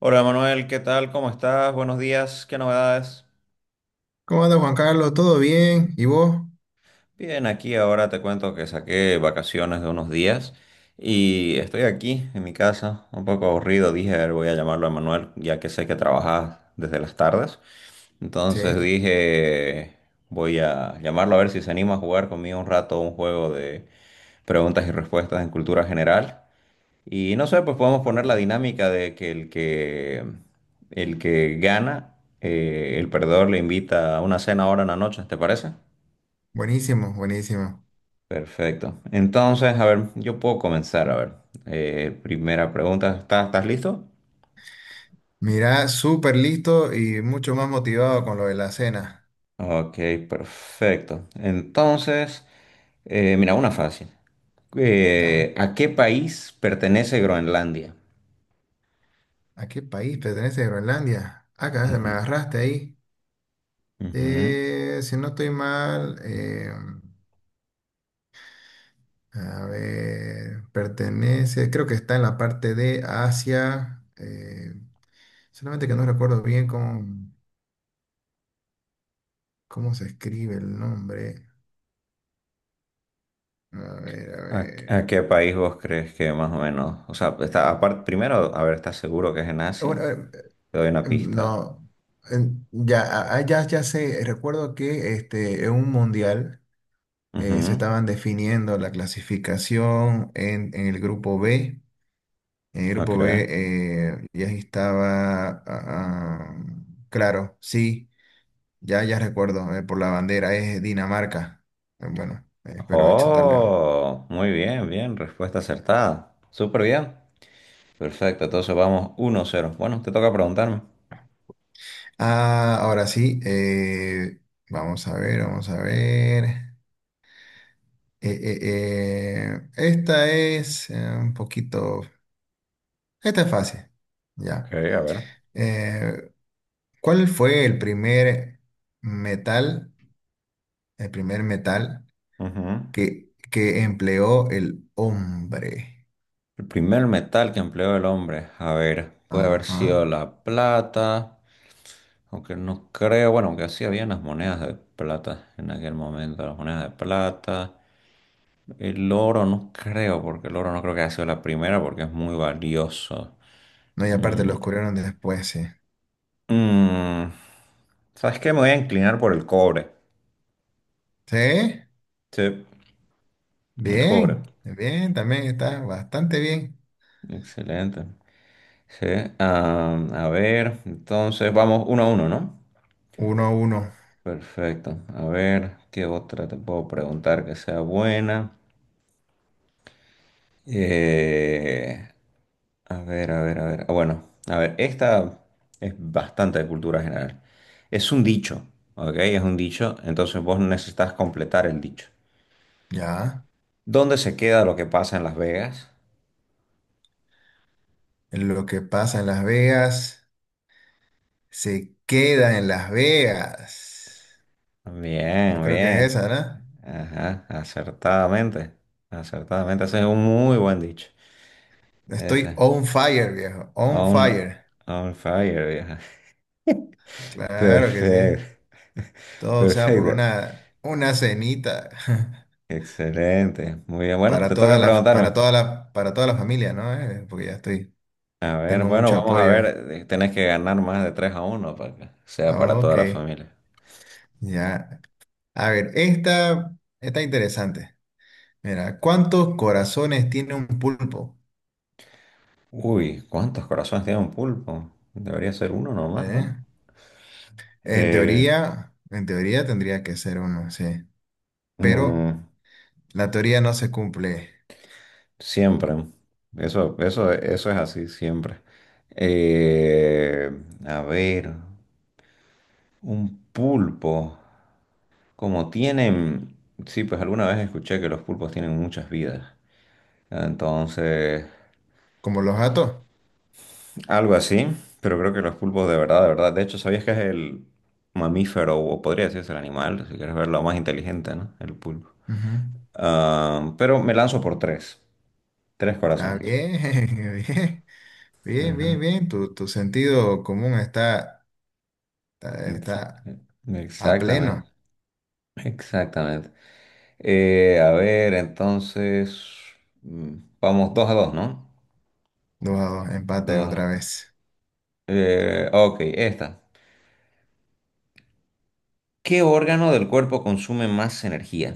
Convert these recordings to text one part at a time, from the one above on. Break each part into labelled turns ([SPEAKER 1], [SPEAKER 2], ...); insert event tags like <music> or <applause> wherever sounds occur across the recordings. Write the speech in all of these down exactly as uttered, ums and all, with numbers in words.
[SPEAKER 1] Hola Manuel, ¿qué tal? ¿Cómo estás? Buenos días, ¿qué novedades?
[SPEAKER 2] ¿Cómo anda Juan Carlos? ¿Todo bien? ¿Y vos?
[SPEAKER 1] Bien, aquí ahora te cuento que saqué vacaciones de unos días y estoy aquí en mi casa, un poco aburrido. Dije, a ver, voy a llamarlo a Manuel, ya que sé que trabajas desde las tardes.
[SPEAKER 2] Sí,
[SPEAKER 1] Entonces dije, voy a llamarlo a ver si se anima a jugar conmigo un rato un juego de preguntas y respuestas en cultura general. Y no sé, pues podemos poner la dinámica de que el que, el que gana, eh, el perdedor le invita a una cena ahora en la noche, ¿te parece?
[SPEAKER 2] buenísimo, buenísimo.
[SPEAKER 1] Perfecto. Entonces, a ver, yo puedo comenzar, a ver. Eh, primera pregunta, ¿estás, estás listo?
[SPEAKER 2] Mirá, súper listo y mucho más motivado con lo de la cena.
[SPEAKER 1] Ok, perfecto. Entonces, eh, mira, una fácil.
[SPEAKER 2] Ah,
[SPEAKER 1] Eh, ¿a qué país pertenece Groenlandia?
[SPEAKER 2] ¿a qué país pertenece Groenlandia? Acá se me
[SPEAKER 1] Ujú.
[SPEAKER 2] agarraste ahí.
[SPEAKER 1] Ujú.
[SPEAKER 2] Eh, si no estoy mal, eh, a ver, pertenece, creo que está en la parte de Asia. Eh, solamente que no recuerdo bien cómo, cómo se escribe el nombre. A ver, a
[SPEAKER 1] ¿A,
[SPEAKER 2] ver.
[SPEAKER 1] a qué país vos crees que más o menos? O sea, está, aparte, primero, a ver, ¿estás seguro que es en Asia?
[SPEAKER 2] Bueno, a ver,
[SPEAKER 1] Te doy una pista.
[SPEAKER 2] no, en- ya, a- a- ya, ya sé, recuerdo que este, en un mundial eh, se
[SPEAKER 1] Ujú,
[SPEAKER 2] estaban definiendo la clasificación en, en el grupo B. En el
[SPEAKER 1] ok.
[SPEAKER 2] grupo B eh, ya estaba, ah, ah, claro, sí, ya, ya recuerdo, eh, por la bandera es Dinamarca. Eh, Bueno, eh, espero achuntarle, ¿no?
[SPEAKER 1] Oh, muy bien, bien, respuesta acertada. Súper bien. Perfecto, entonces vamos uno cero. Bueno, te toca preguntarme.
[SPEAKER 2] Ah, ahora sí, eh, vamos a ver, vamos a ver. Eh, eh, eh, esta es eh, un poquito. Esta es fácil.
[SPEAKER 1] Ok,
[SPEAKER 2] Ya.
[SPEAKER 1] a ver.
[SPEAKER 2] Eh, ¿cuál fue el primer metal, el primer metal
[SPEAKER 1] Ujú.
[SPEAKER 2] que, que empleó el hombre?
[SPEAKER 1] El primer metal que empleó el hombre, a ver, puede haber sido
[SPEAKER 2] Ajá.
[SPEAKER 1] la plata, aunque no creo, bueno, aunque sí habían las monedas de plata en aquel momento, las monedas de plata. El oro no creo, porque el oro no creo que haya sido la primera, porque es muy valioso.
[SPEAKER 2] No, y aparte lo
[SPEAKER 1] Mm,
[SPEAKER 2] descubrieron después, sí.
[SPEAKER 1] mm, ¿Sabes qué? Me voy a inclinar por el cobre.
[SPEAKER 2] ¿Sí?
[SPEAKER 1] Sí, el cobre.
[SPEAKER 2] Bien, bien, también está bastante bien.
[SPEAKER 1] Excelente. Sí, ah, a ver, entonces vamos uno a uno, ¿no?
[SPEAKER 2] Uno a uno.
[SPEAKER 1] Perfecto. A ver, ¿qué otra te puedo preguntar que sea buena? Eh, a ver, a ver, a ver. Ah, bueno, a ver, esta es bastante de cultura general. Es un dicho, ¿ok? Es un dicho, entonces vos necesitas completar el dicho.
[SPEAKER 2] Ya.
[SPEAKER 1] ¿Dónde se queda lo que pasa en Las Vegas?
[SPEAKER 2] Lo que pasa en Las Vegas se queda en Las Vegas. Yo
[SPEAKER 1] Bien,
[SPEAKER 2] creo que es
[SPEAKER 1] bien.
[SPEAKER 2] esa, ¿verdad?
[SPEAKER 1] Ajá, acertadamente. Acertadamente, ese es un muy buen dicho.
[SPEAKER 2] Estoy
[SPEAKER 1] Ese.
[SPEAKER 2] on fire, viejo. On
[SPEAKER 1] On,
[SPEAKER 2] fire.
[SPEAKER 1] on fire, vieja.
[SPEAKER 2] Claro que sí.
[SPEAKER 1] Perfecto. <laughs>
[SPEAKER 2] Todo sea por
[SPEAKER 1] Perfecto.
[SPEAKER 2] una, una cenita <laughs>
[SPEAKER 1] Excelente. Muy bien. Bueno,
[SPEAKER 2] para
[SPEAKER 1] te
[SPEAKER 2] toda
[SPEAKER 1] toca
[SPEAKER 2] la,
[SPEAKER 1] preguntarme.
[SPEAKER 2] para toda la, para toda la familia, ¿no? Eh, Porque ya estoy,
[SPEAKER 1] A ver,
[SPEAKER 2] tengo
[SPEAKER 1] bueno,
[SPEAKER 2] mucho
[SPEAKER 1] vamos a
[SPEAKER 2] apoyo.
[SPEAKER 1] ver.
[SPEAKER 2] eh.
[SPEAKER 1] eh, Tenés que ganar más de tres a uno para que sea para
[SPEAKER 2] Ah, ok,
[SPEAKER 1] toda la familia.
[SPEAKER 2] ya. A ver, esta está interesante. Mira, ¿cuántos corazones tiene un pulpo?
[SPEAKER 1] Uy, ¿cuántos corazones tiene un pulpo? Debería ser uno nomás, ¿no?
[SPEAKER 2] ¿Eh? En
[SPEAKER 1] Eh,
[SPEAKER 2] teoría, en teoría tendría que ser uno, sí. Pero
[SPEAKER 1] mm,
[SPEAKER 2] la teoría no se cumple.
[SPEAKER 1] Siempre. Eso, eso, eso es así, siempre. Eh, a ver, un pulpo. Como tienen, sí, pues alguna vez escuché que los pulpos tienen muchas vidas. Entonces,
[SPEAKER 2] Como los gatos.
[SPEAKER 1] algo así, pero creo que los pulpos de verdad, de verdad, de hecho, ¿sabías que es el mamífero o podría decirse el animal, si quieres verlo más inteligente, ¿no? El pulpo.
[SPEAKER 2] Ujú.
[SPEAKER 1] Ah, pero me lanzo por tres, tres
[SPEAKER 2] Ah,
[SPEAKER 1] corazones.
[SPEAKER 2] bien, <laughs> bien, bien,
[SPEAKER 1] Ujú.
[SPEAKER 2] bien, bien. Tu, tu sentido común está, está,
[SPEAKER 1] Exa-
[SPEAKER 2] está a
[SPEAKER 1] Exactamente,
[SPEAKER 2] pleno.
[SPEAKER 1] exactamente. Eh, a ver, entonces, mm, vamos dos a dos, ¿no?
[SPEAKER 2] Dos a dos, empate
[SPEAKER 1] Dos.
[SPEAKER 2] otra vez.
[SPEAKER 1] Eh, ok, esta. ¿Qué órgano del cuerpo consume más energía?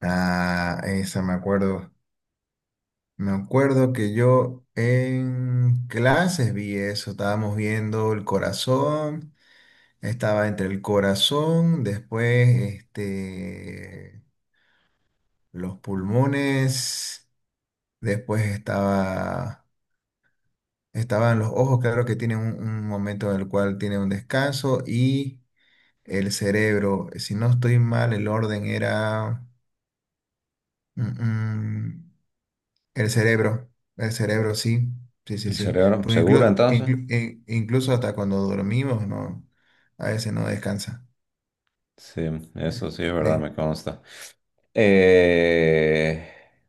[SPEAKER 2] Ah, esa me acuerdo. Me acuerdo que yo en clases vi eso. Estábamos viendo el corazón. Estaba entre el corazón, después este, los pulmones, después estaba, estaban los ojos, claro que tienen un, un momento en el cual tiene un descanso y el cerebro. Eh, si no estoy mal, el orden era mm, mm, el cerebro, el cerebro, sí, sí, sí,
[SPEAKER 1] ¿El
[SPEAKER 2] sí,
[SPEAKER 1] cerebro?
[SPEAKER 2] porque
[SPEAKER 1] ¿Seguro
[SPEAKER 2] inclu-
[SPEAKER 1] entonces?
[SPEAKER 2] inclu- in- incluso hasta cuando dormimos, no, a veces no descansa.
[SPEAKER 1] Sí,
[SPEAKER 2] Eh,
[SPEAKER 1] eso sí es verdad,
[SPEAKER 2] Me,
[SPEAKER 1] me consta. Eh,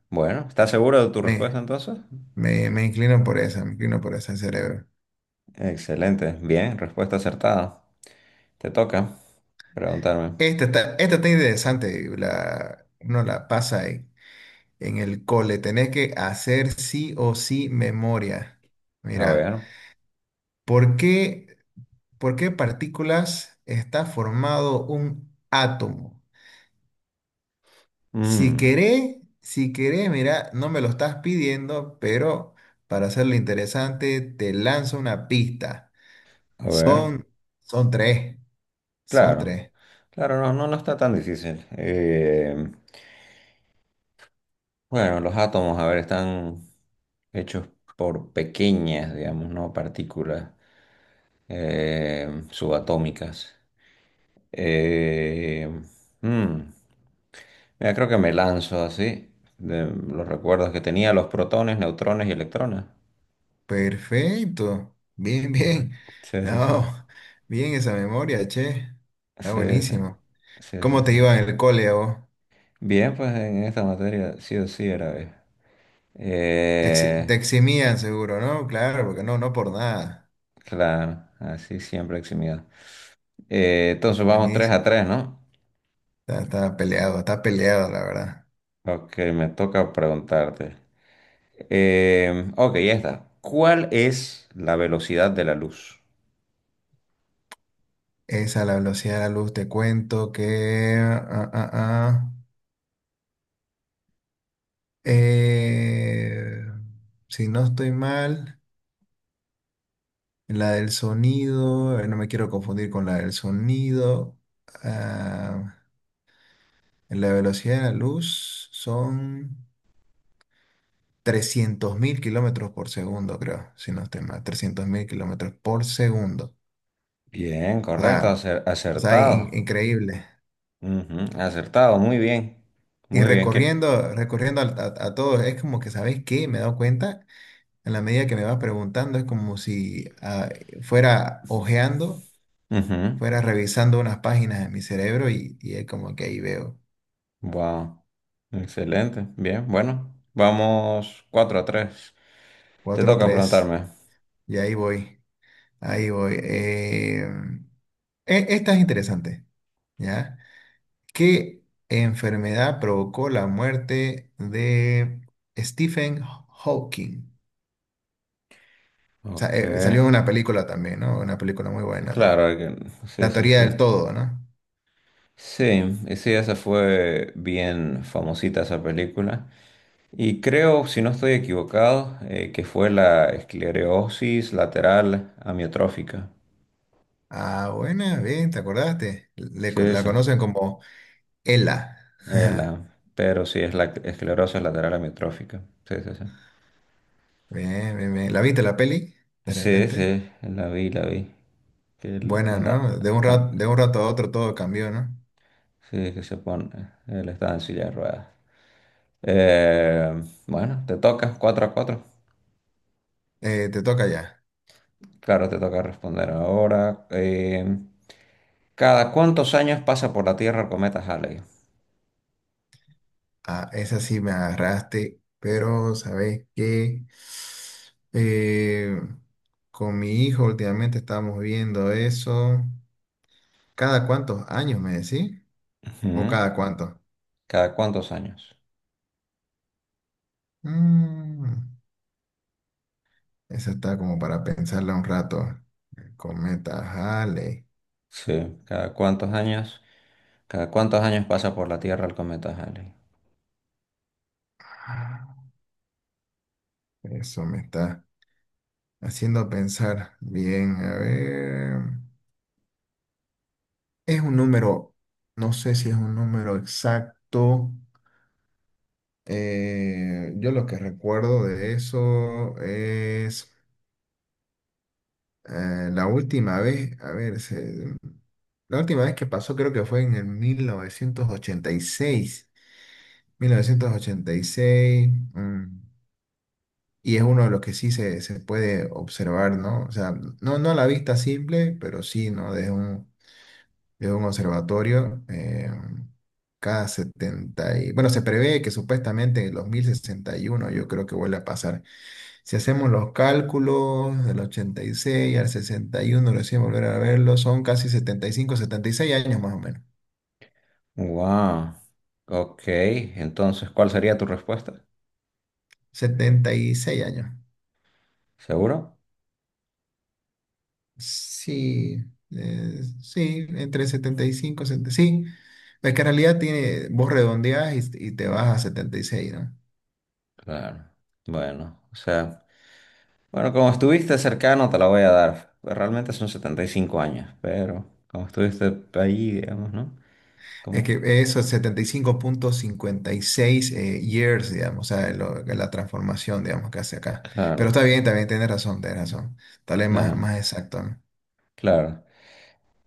[SPEAKER 1] bueno, ¿estás seguro de tu respuesta
[SPEAKER 2] me,
[SPEAKER 1] entonces?
[SPEAKER 2] me, me inclino por esa, me inclino por esa, el cerebro.
[SPEAKER 1] Excelente, bien, respuesta acertada. Te toca preguntarme.
[SPEAKER 2] Esta está, esta está interesante, la, uno la pasa. En el cole tenés que hacer sí o sí memoria.
[SPEAKER 1] A
[SPEAKER 2] Mira,
[SPEAKER 1] ver.
[SPEAKER 2] ¿por qué, ¿por qué partículas está formado un átomo? Si
[SPEAKER 1] mm,
[SPEAKER 2] querés, si querés, mira, no me lo estás pidiendo, pero para hacerlo interesante, te lanzo una pista.
[SPEAKER 1] a ver.
[SPEAKER 2] Son, Son tres, son
[SPEAKER 1] Claro.
[SPEAKER 2] tres.
[SPEAKER 1] Claro, no, no, no está tan difícil. Eh, bueno, los átomos, a ver, están hechos por pequeñas, digamos, no partículas, eh, subatómicas. Eh, mm, Mira, creo que me lanzo así, de los recuerdos que tenía, los protones, neutrones y electrones.
[SPEAKER 2] Perfecto, bien,
[SPEAKER 1] Ujú.
[SPEAKER 2] bien. <laughs>
[SPEAKER 1] Sí, sí, sí.
[SPEAKER 2] No, bien esa memoria, che. Está
[SPEAKER 1] Sí, sí.
[SPEAKER 2] buenísimo.
[SPEAKER 1] Sí,
[SPEAKER 2] ¿Cómo
[SPEAKER 1] sí,
[SPEAKER 2] te
[SPEAKER 1] sí.
[SPEAKER 2] iba en el cole a vos?
[SPEAKER 1] Bien, pues en esta materia sí o sí era B.
[SPEAKER 2] Te, exi- te
[SPEAKER 1] Eh,
[SPEAKER 2] eximían seguro, ¿no? Claro, porque no, no por nada.
[SPEAKER 1] claro, así siempre eximido. Eh, entonces vamos tres a
[SPEAKER 2] Buenísimo.
[SPEAKER 1] tres, ¿no?
[SPEAKER 2] Está, está peleado, está peleado, la verdad.
[SPEAKER 1] Ok, me toca preguntarte. Eh, ok, ya está. ¿Cuál es la velocidad de la luz?
[SPEAKER 2] Esa, la velocidad de la luz, te cuento que... ah, ah, ah, ah, eh, si no estoy mal, la del sonido, eh, no me quiero confundir con la del sonido. ah, la velocidad de la luz son trescientos mil kilómetros por segundo, creo, si no estoy mal. Trescientos mil kilómetros por segundo.
[SPEAKER 1] Bien, correcto,
[SPEAKER 2] Sea,
[SPEAKER 1] acer-
[SPEAKER 2] o sea,
[SPEAKER 1] acertado.
[SPEAKER 2] in- increíble.
[SPEAKER 1] Ujú, acertado, muy bien.
[SPEAKER 2] Y
[SPEAKER 1] Muy bien, ¿qué?
[SPEAKER 2] recorriendo, recorriendo al- a, a todos, es como que, ¿sabéis qué? Me he dado cuenta, en la medida que me vas preguntando, es como si ah, fuera ojeando,
[SPEAKER 1] Ujú.
[SPEAKER 2] fuera revisando unas páginas en mi cerebro y, y es como que ahí veo.
[SPEAKER 1] Wow. Excelente. Bien, bueno. Vamos cuatro a tres. Te
[SPEAKER 2] Cuatro,
[SPEAKER 1] toca
[SPEAKER 2] tres,
[SPEAKER 1] preguntarme.
[SPEAKER 2] y ahí voy, ahí voy. Eh, e- esta es interesante, ¿ya? ¿Qué enfermedad provocó la muerte de Stephen Hawking? Sa-
[SPEAKER 1] Ok.
[SPEAKER 2] eh, salió una película también, ¿no? Una película muy buena también.
[SPEAKER 1] Claro, hay que- sí,
[SPEAKER 2] La
[SPEAKER 1] sí,
[SPEAKER 2] teoría
[SPEAKER 1] sí.
[SPEAKER 2] del todo, ¿no?
[SPEAKER 1] Sí, y sí, esa fue bien famosita esa película. Y creo, si no estoy equivocado, eh, que fue la esclerosis lateral amiotrófica.
[SPEAKER 2] Ah, buena, bien, ¿te acordaste? Le
[SPEAKER 1] Sí,
[SPEAKER 2] co-
[SPEAKER 1] sí,
[SPEAKER 2] la
[SPEAKER 1] sí.
[SPEAKER 2] conocen como Ella.
[SPEAKER 1] Eh,
[SPEAKER 2] <laughs>
[SPEAKER 1] la- pero sí, es la esclerosis lateral amiotrófica. Sí, sí, sí.
[SPEAKER 2] Bien, bien, bien. ¿La viste la peli? De
[SPEAKER 1] Sí, sí,
[SPEAKER 2] repente.
[SPEAKER 1] la vi, la vi. Que él
[SPEAKER 2] Buena,
[SPEAKER 1] anda,
[SPEAKER 2] ¿no? De un
[SPEAKER 1] ah,
[SPEAKER 2] rato, de un rato a otro todo cambió, ¿no?
[SPEAKER 1] sí, que se pone, él está en silla de ruedas. Eh, bueno, te toca cuatro a cuatro.
[SPEAKER 2] Eh, te toca ya.
[SPEAKER 1] Claro, te toca responder ahora. Eh, ¿cada cuántos años pasa por la Tierra el cometa Halley?
[SPEAKER 2] Ah, esa sí me agarraste, pero ¿sabes qué? Eh, con mi hijo últimamente estábamos viendo eso. ¿Cada cuántos años me decís? ¿O
[SPEAKER 1] Ujú.
[SPEAKER 2] cada cuánto?
[SPEAKER 1] ¿Cada cuántos años?
[SPEAKER 2] Mm, esa está como para pensarla un rato. El cometa Halley.
[SPEAKER 1] Sí, ¿cada cuántos años? ¿Cada cuántos años pasa por la Tierra el cometa Halley?
[SPEAKER 2] Ah, eso me está haciendo pensar. Bien, a ver. Es un número, no sé si es un número exacto. Eh, yo lo que recuerdo de eso es eh, la última vez, a ver, se- la última vez que pasó creo que fue en el mil novecientos ochenta y seis. mil novecientos ochenta y seis, mm, y es uno de los que sí se, se puede observar, ¿no? O sea, no, no a la vista simple, pero sí, ¿no? Desde un, desde un observatorio, eh, cada setenta y... Bueno, se prevé que supuestamente en el dos mil sesenta y uno yo creo que vuelve a pasar. Si hacemos los cálculos del ochenta y seis al sesenta y uno, recién volver a verlo, son casi setenta y cinco, setenta y seis años más o menos.
[SPEAKER 1] Wow. Ok, entonces, ¿cuál sería tu respuesta?
[SPEAKER 2] setenta y seis años.
[SPEAKER 1] ¿Seguro?
[SPEAKER 2] Sí, eh, sí, entre setenta y cinco y setenta. Sí. Es que en realidad tiene, vos redondeás y, y te vas a setenta y seis, ¿no?
[SPEAKER 1] Claro. Bueno, o sea, bueno, como estuviste cercano, te la voy a dar. Realmente son setenta y cinco años, pero como estuviste ahí, digamos, ¿no?
[SPEAKER 2] Es
[SPEAKER 1] Como,
[SPEAKER 2] que eso es setenta y cinco punto cincuenta y seis eh, years, digamos, o sea, lo- la transformación, digamos, que hace acá. Pero
[SPEAKER 1] claro,
[SPEAKER 2] está bien, también tienes razón, tienes razón. Tal vez más,
[SPEAKER 1] ya,
[SPEAKER 2] más exacto, ¿no?
[SPEAKER 1] claro.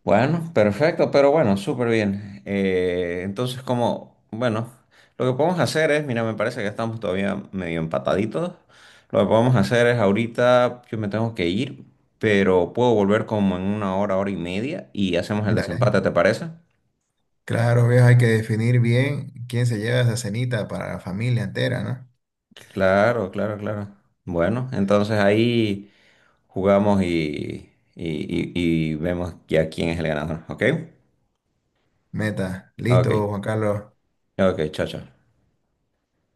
[SPEAKER 1] Bueno, perfecto, pero bueno, súper bien. Eh, entonces, como, bueno, lo que podemos hacer es, mira, me parece que estamos todavía medio empataditos. Lo que podemos hacer es ahorita, yo me tengo que ir, pero puedo volver como en una hora, hora y media y hacemos el
[SPEAKER 2] Dale.
[SPEAKER 1] desempate, ¿te parece?
[SPEAKER 2] Claro, viejo, hay que definir bien quién se lleva esa cenita para la familia entera, ¿no?
[SPEAKER 1] Claro, claro, claro. Bueno, entonces ahí jugamos y, y, y, y vemos ya quién es el ganador, ¿ok?
[SPEAKER 2] Meta.
[SPEAKER 1] Ok,
[SPEAKER 2] Listo, Juan Carlos.
[SPEAKER 1] ok, chao, chao.